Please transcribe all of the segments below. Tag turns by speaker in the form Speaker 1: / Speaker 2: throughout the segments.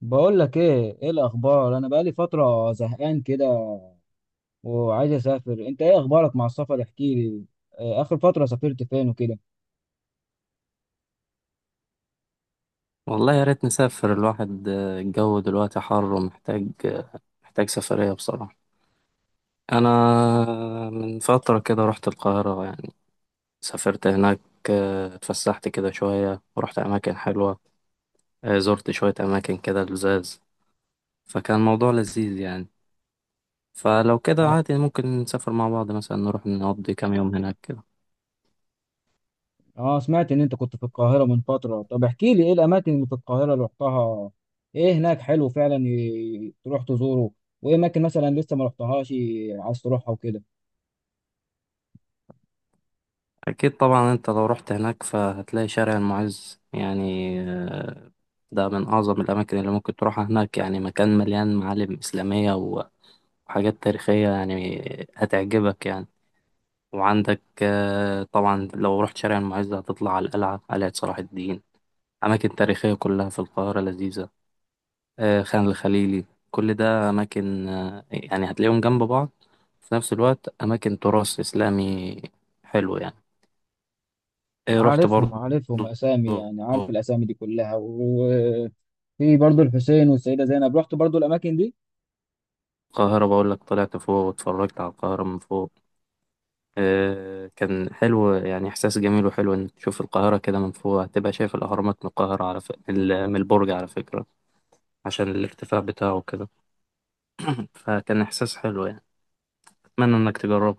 Speaker 1: بقول لك ايه، ايه الاخبار؟ انا بقالي فتره زهقان كده وعايز اسافر. انت ايه اخبارك مع السفر؟ احكي لي. اخر فتره سافرت فين وكده؟
Speaker 2: والله يا ريت نسافر الواحد، الجو دلوقتي حر ومحتاج محتاج سفرية بصراحة. أنا من فترة كده رحت القاهرة يعني، سافرت هناك. اتفسحت كده شوية ورحت أماكن حلوة. زرت شوية أماكن كده لزاز، فكان الموضوع لذيذ يعني. فلو كده
Speaker 1: اه.
Speaker 2: عادي ممكن نسافر مع بعض، مثلا نروح نقضي كام يوم هناك كده.
Speaker 1: سمعت ان انت كنت في القاهره من فتره. طب احكي لي ايه الاماكن اللي في القاهره اللي رحتها؟ ايه هناك حلو فعلا تروح تزوره؟ وايه اماكن مثلا لسه ما رحتهاش عايز تروحها وكده؟
Speaker 2: أكيد طبعا، أنت لو رحت هناك فهتلاقي شارع المعز يعني. ده من أعظم الأماكن اللي ممكن تروحها هناك، يعني مكان مليان معالم إسلامية وحاجات تاريخية يعني، هتعجبك يعني. وعندك طبعا لو رحت شارع المعز هتطلع على القلعة، قلعة صلاح الدين. أماكن تاريخية كلها في القاهرة لذيذة. خان الخليلي، كل ده أماكن، يعني هتلاقيهم جنب بعض، في نفس الوقت أماكن تراث إسلامي حلو يعني. إيه، رحت
Speaker 1: عارفهم
Speaker 2: برضه
Speaker 1: عارفهم اسامي، يعني عارف الاسامي دي كلها. وفي برضو الحسين والسيده زينب، رحت برضو الاماكن دي.
Speaker 2: القاهرة، بقول لك طلعت فوق واتفرجت على القاهرة من فوق. إيه كان حلو يعني، إحساس جميل وحلو إنك تشوف القاهرة كده من فوق. هتبقى شايف الأهرامات من القاهرة على ف... من ال- من البرج على فكرة، عشان الارتفاع بتاعه كده. فكان إحساس حلو يعني، أتمنى إنك تجربه.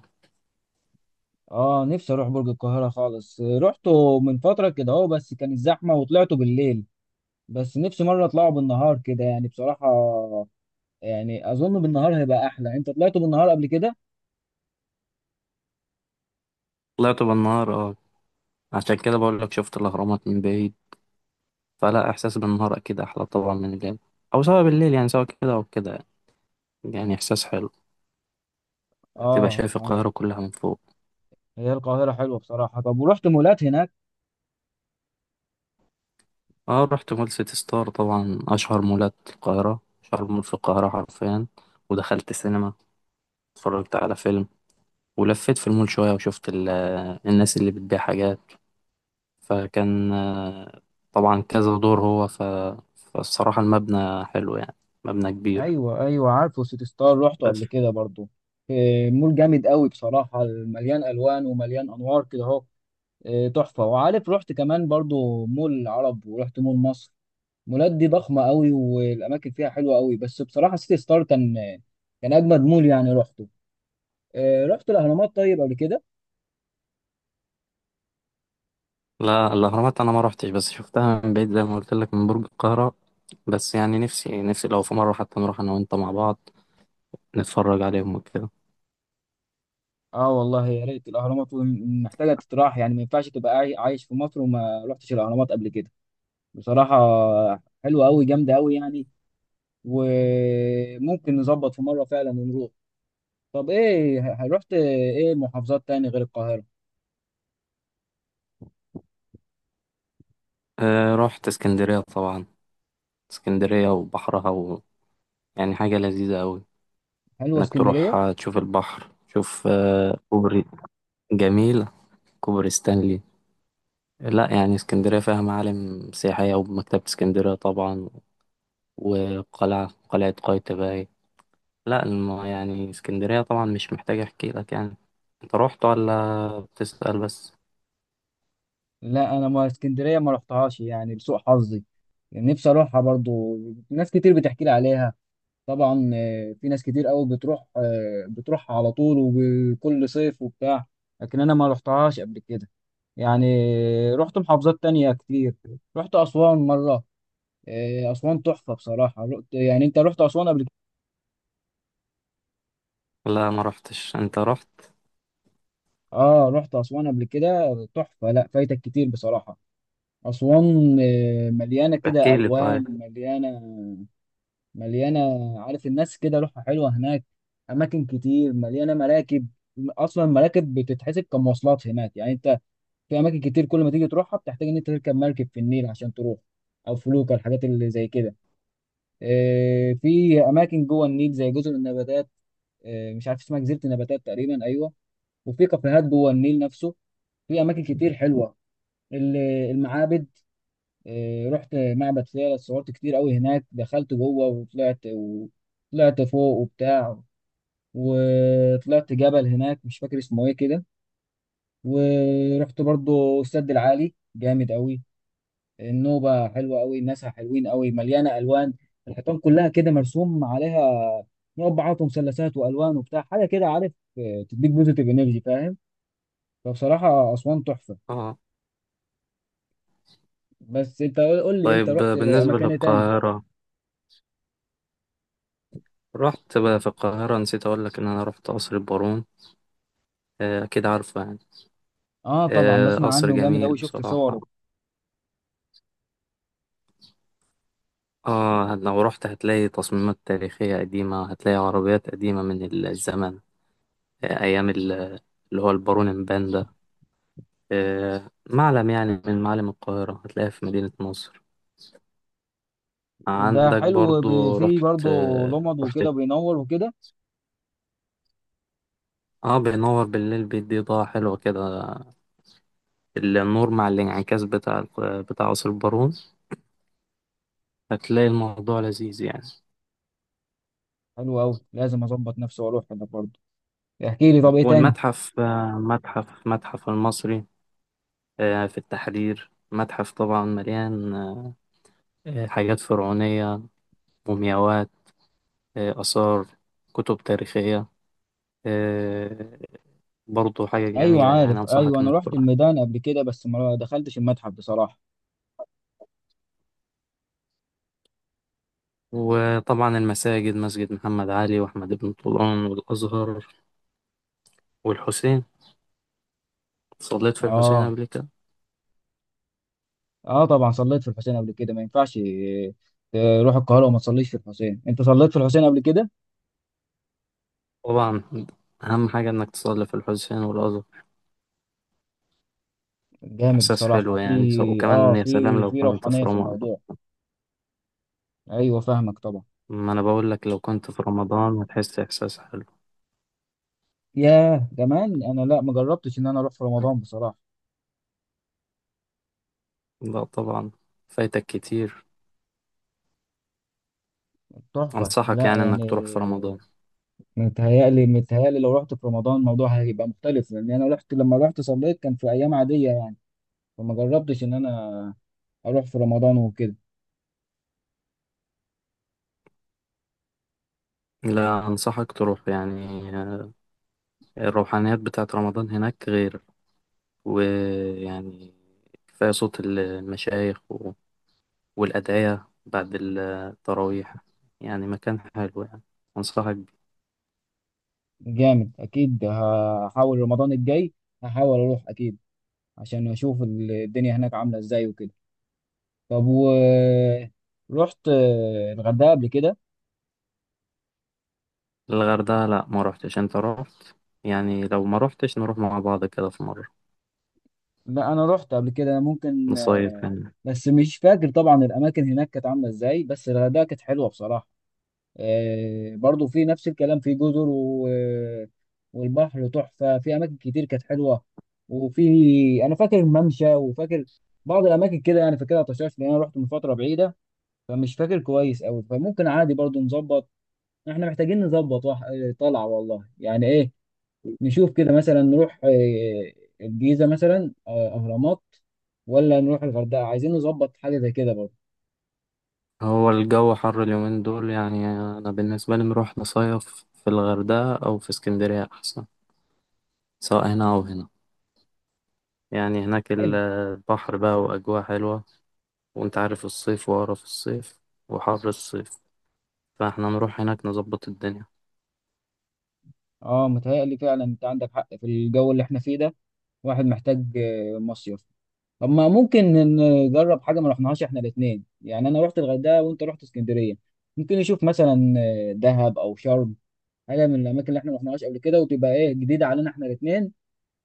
Speaker 1: اه، نفسي اروح برج القاهرة خالص. رحته من فترة كده اهو، بس كانت زحمة وطلعته بالليل. بس نفسي مرة اطلعه بالنهار كده يعني، بصراحة يعني اظن بالنهار هيبقى احلى. انت طلعته بالنهار قبل كده؟
Speaker 2: طلعت بالنهار أه، عشان كده بقول لك شفت الأهرامات من بعيد. فلا، إحساس بالنهار أكيد أحلى طبعا من الليل، أو سواء بالليل، يعني سواء كده أو كده يعني. يعني إحساس حلو، تبقى
Speaker 1: اه.
Speaker 2: شايف القاهرة كلها من فوق.
Speaker 1: هي القاهرة حلوة بصراحة. طب ورحت مولات هناك؟
Speaker 2: اه، رحت مول سيتي ستار طبعا، اشهر مولات القاهره، اشهر مول في القاهره حرفيا. ودخلت سينما، اتفرجت على فيلم، ولفيت في المول شويه، وشفت الناس اللي بتبيع حاجات. فكان طبعا كذا دور فالصراحه المبنى حلو يعني، مبنى كبير.
Speaker 1: ايوه ايوه، عارفه سيتي ستار، رحته قبل
Speaker 2: بس
Speaker 1: كده برضو. مول جامد قوي بصراحة، مليان الوان ومليان انوار كده اهو. تحفة. وعارف رحت كمان برضو مول العرب ورحت مول مصر. مولات دي ضخمه قوي والاماكن فيها حلوه قوي، بس بصراحه سيتي ستار كان كان اجمد مول يعني رحته. رحت الاهرامات طيب قبل كده؟
Speaker 2: لا، الاهرامات انا ما روحتش، بس شفتها من بعيد زي ما قلت لك من برج القاهره. بس يعني نفسي لو في مره حتى نروح انا وانت مع بعض، نتفرج عليهم وكده.
Speaker 1: اه والله يا ريت. الاهرامات محتاجه تتراح، يعني ما ينفعش تبقى عايش في مصر وما رحتش الاهرامات قبل كده بصراحه. حلوه قوي، جامده قوي يعني. وممكن نظبط في مره فعلا ونروح. طب ايه رحت ايه محافظات تاني غير القاهره؟
Speaker 2: رحت اسكندريه طبعا، اسكندرية وبحرها يعني حاجة لذيذة أوي،
Speaker 1: حلوه
Speaker 2: إنك تروح.
Speaker 1: اسكندريه.
Speaker 2: تشوف البحر، تشوف كوبري جميل، كوبري ستانلي. لا يعني اسكندرية فيها معالم سياحية، ومكتبة اسكندرية طبعا، وقلعة قايتباي. لا يعني اسكندرية طبعا مش محتاج أحكي لك يعني. أنت رحت ولا بتسأل بس؟
Speaker 1: لا انا ما اسكندريه ما رحتهاش يعني لسوء حظي. يعني نفسي اروحها برضو، ناس كتير بتحكي لي عليها. طبعا في ناس كتير قوي بتروح، بتروح على طول وكل صيف وبتاع. لكن انا ما رحتهاش قبل كده يعني. رحت محافظات تانية كتير. رحت اسوان مره. اسوان تحفه بصراحه. رحت، يعني انت رحت اسوان قبل كده؟
Speaker 2: لا، ما رحتش، أنت رحت.
Speaker 1: اه رحت اسوان قبل كده. تحفه، لا فايتك كتير بصراحه. اسوان مليانه كده
Speaker 2: احكي لي
Speaker 1: الوان،
Speaker 2: طيب.
Speaker 1: مليانه، مليانة. عارف الناس كده روحها حلوة هناك. أماكن كتير مليانة مراكب، أصلا المراكب بتتحسب كمواصلات هناك، يعني أنت في أماكن كتير كل ما تيجي تروحها بتحتاج إن أنت تركب مركب في النيل عشان تروح، أو فلوكة، الحاجات اللي زي كده. في أماكن جوه النيل زي جزر النباتات. مش عارف اسمها، جزيرة النباتات تقريبا، أيوه. وفي كافيهات جوه النيل نفسه. في أماكن كتير حلوة. ال- المعابد. رحت معبد فيلة، صورت كتير قوي هناك، دخلت جوه وطلعت طلعت فوق وبتاع. وطلعت جبل هناك مش فاكر اسمه ايه كده. ورحت برضو السد العالي، جامد قوي. النوبة حلوة قوي، الناس حلوين قوي، مليانة ألوان، الحيطان كلها كده مرسوم عليها مربعات ومثلثات وألوان وبتاع، حاجة كده عارف، تديك بوزيتيف انرجي فاهم. فبصراحة أسوان تحفة.
Speaker 2: اه.
Speaker 1: بس أنت قول، قول لي أنت
Speaker 2: طيب
Speaker 1: رحت
Speaker 2: بالنسبة
Speaker 1: أماكن إيه تاني؟
Speaker 2: للقاهرة، رحت بقى في القاهرة، نسيت أقول لك إن أنا رحت قصر البارون. أكيد عارفه يعني.
Speaker 1: آه طبعا، بسمع
Speaker 2: قصر
Speaker 1: عنه جامد
Speaker 2: جميل
Speaker 1: أوي، شفت
Speaker 2: بصراحة.
Speaker 1: صوره.
Speaker 2: آه، لو رحت هتلاقي تصميمات تاريخية قديمة، هتلاقي عربيات قديمة من الزمن، آه، أيام ال- اللي هو البارون مبان ده. معلم يعني من معالم القاهرة، هتلاقيه في مدينة نصر.
Speaker 1: وده
Speaker 2: عندك
Speaker 1: حلو
Speaker 2: برضو
Speaker 1: فيه
Speaker 2: رحت،
Speaker 1: برضه لمض وكده، بينور وكده.
Speaker 2: اه، بينور بالليل بيدي إضاءة حلوة كده. النور مع الانعكاس بتاع قصر البارون، هتلاقي الموضوع لذيذ يعني.
Speaker 1: حلو أوي، لازم أظبط نفسي وأروح هناك برضه. احكي لي طب ايه تاني؟
Speaker 2: والمتحف، آه، متحف متحف المصري، في التحرير. متحف طبعا مليان حاجات فرعونية، مومياوات، آثار، كتب تاريخية، آه، برضو حاجة
Speaker 1: ايوه
Speaker 2: جميلة يعني،
Speaker 1: عارف، ايوه
Speaker 2: أنصحك
Speaker 1: انا
Speaker 2: إنك
Speaker 1: رحت
Speaker 2: تروح.
Speaker 1: الميدان قبل كده بس ما دخلتش المتحف بصراحه.
Speaker 2: وطبعا المساجد، مسجد محمد علي وأحمد بن طولون والأزهر والحسين. صليت في الحسين
Speaker 1: اه.
Speaker 2: قبل كده
Speaker 1: اه طبعا صليت في الحسين قبل كده، ما ينفعش تروح القاهره وما تصليش في الحسين. انت صليت في الحسين قبل كده؟
Speaker 2: طبعا، أهم حاجة إنك تصلي في الحسين والأزهر.
Speaker 1: جامد
Speaker 2: إحساس
Speaker 1: بصراحه،
Speaker 2: حلو
Speaker 1: في
Speaker 2: يعني،
Speaker 1: اه
Speaker 2: وكمان يا سلام
Speaker 1: في
Speaker 2: لو
Speaker 1: في
Speaker 2: كنت
Speaker 1: روحانيه
Speaker 2: في
Speaker 1: في
Speaker 2: رمضان.
Speaker 1: الموضوع. ايوه فاهمك طبعا.
Speaker 2: ما أنا بقول لك لو كنت في رمضان هتحس إحساس حلو.
Speaker 1: ياه، كمان انا لا ما جربتش ان انا اروح في رمضان بصراحه.
Speaker 2: لا طبعا، فايتك كتير.
Speaker 1: تحفه،
Speaker 2: أنصحك
Speaker 1: لا
Speaker 2: يعني
Speaker 1: يعني.
Speaker 2: إنك تروح في رمضان.
Speaker 1: متهيألي، متهيألي لو رحت في رمضان الموضوع هيبقى مختلف، لان انا رحت لما رحت صليت كان في ايام عاديه يعني. فما جربتش ان انا اروح في رمضان وكده.
Speaker 2: لا، أنصحك تروح يعني. الروحانيات بتاعت رمضان هناك غير، ويعني كفاية صوت المشايخ والأدعية بعد التراويح. يعني مكان حلو يعني، أنصحك بيه.
Speaker 1: جامد، اكيد هحاول رمضان الجاي هحاول اروح اكيد، عشان اشوف الدنيا هناك عامله ازاي وكده. طب و رحت الغردقه قبل كده؟
Speaker 2: الغردقة لا، ما روحتش، أنت روحت. يعني لو ما روحتش نروح مع بعض كده في مرة،
Speaker 1: لا انا رحت قبل كده. ممكن
Speaker 2: نصيف يعني.
Speaker 1: بس مش فاكر طبعا الاماكن هناك كانت عامله ازاي، بس الغردقه كانت حلوه بصراحه. برضو في نفس الكلام، في جزر والبحر تحفة، في أماكن كتير كانت حلوة. وفي، أنا فاكر ممشى وفاكر بعض الأماكن كده يعني، فاكرها طشاش لأن أنا رحت من فترة بعيدة فمش فاكر كويس أوي. فممكن عادي برضو نظبط، إحنا محتاجين نظبط وح... آه، طلعة والله، يعني إيه نشوف كده مثلا، نروح الجيزة مثلا، أهرامات، ولا نروح الغردقة. عايزين نظبط حاجة زي كده برضو.
Speaker 2: هو الجو حر اليومين دول. يعني أنا بالنسبة لي نروح نصيف في الغردقة أو في اسكندرية أحسن، سواء هنا أو هنا. يعني هناك
Speaker 1: حلو.
Speaker 2: البحر بقى وأجواء حلوة. وأنت عارف الصيف وقرف الصيف وحر الصيف، فإحنا نروح هناك نظبط الدنيا.
Speaker 1: اه متهيألي فعلا أنت عندك حق، في الجو اللي إحنا فيه ده واحد محتاج مصيف. طب ما ممكن نجرب حاجه ما رحناهاش احنا الاثنين، يعني انا رحت الغردقه وانت رحت اسكندريه، ممكن نشوف مثلا دهب او شرم، حاجه من الاماكن اللي احنا ما رحناهاش قبل كده وتبقى ايه جديده علينا احنا الاثنين،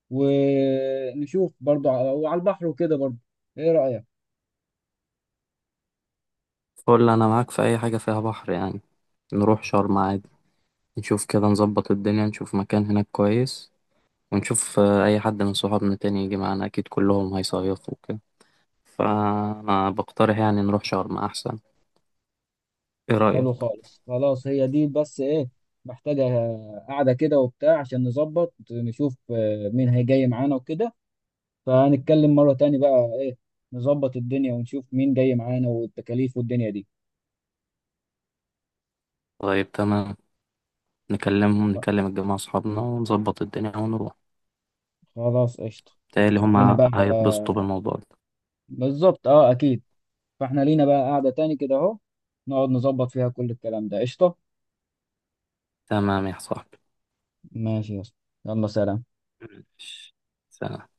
Speaker 1: ونشوف برضو على وعلى البحر وكده برضو. ايه رايك؟
Speaker 2: فل أنا معاك في أي حاجة فيها بحر يعني، نروح شرم عادي. نشوف كده، نظبط الدنيا، نشوف مكان هناك كويس. ونشوف أي حد من صحابنا تاني يجي معانا، أكيد كلهم هيصيفوا وكده. فأنا بقترح يعني نروح شرم أحسن. ايه
Speaker 1: حلو
Speaker 2: رأيك؟
Speaker 1: خالص، خلاص هي دي. بس ايه، محتاجه قاعده كده وبتاع عشان نظبط، نشوف مين هيجي معانا وكده. فهنتكلم مرة تاني بقى ايه، نظبط الدنيا ونشوف مين جاي معانا والتكاليف والدنيا دي.
Speaker 2: طيب تمام، نكلمهم،
Speaker 1: خ-
Speaker 2: نكلم الجماعة اصحابنا، ونظبط الدنيا ونروح.
Speaker 1: خلاص قشطة،
Speaker 2: تالي
Speaker 1: لينا
Speaker 2: هما
Speaker 1: بقى.
Speaker 2: هيتبسطوا بالموضوع ده.
Speaker 1: بالظبط، اه اكيد. فاحنا لينا بقى قاعدة تاني كده اهو، نقعد نظبط فيها كل الكلام ده. قشطة.
Speaker 2: تمام يا صاحبي.
Speaker 1: ماشي يا اسطى. يلا سلام.
Speaker 2: ماشي. سلام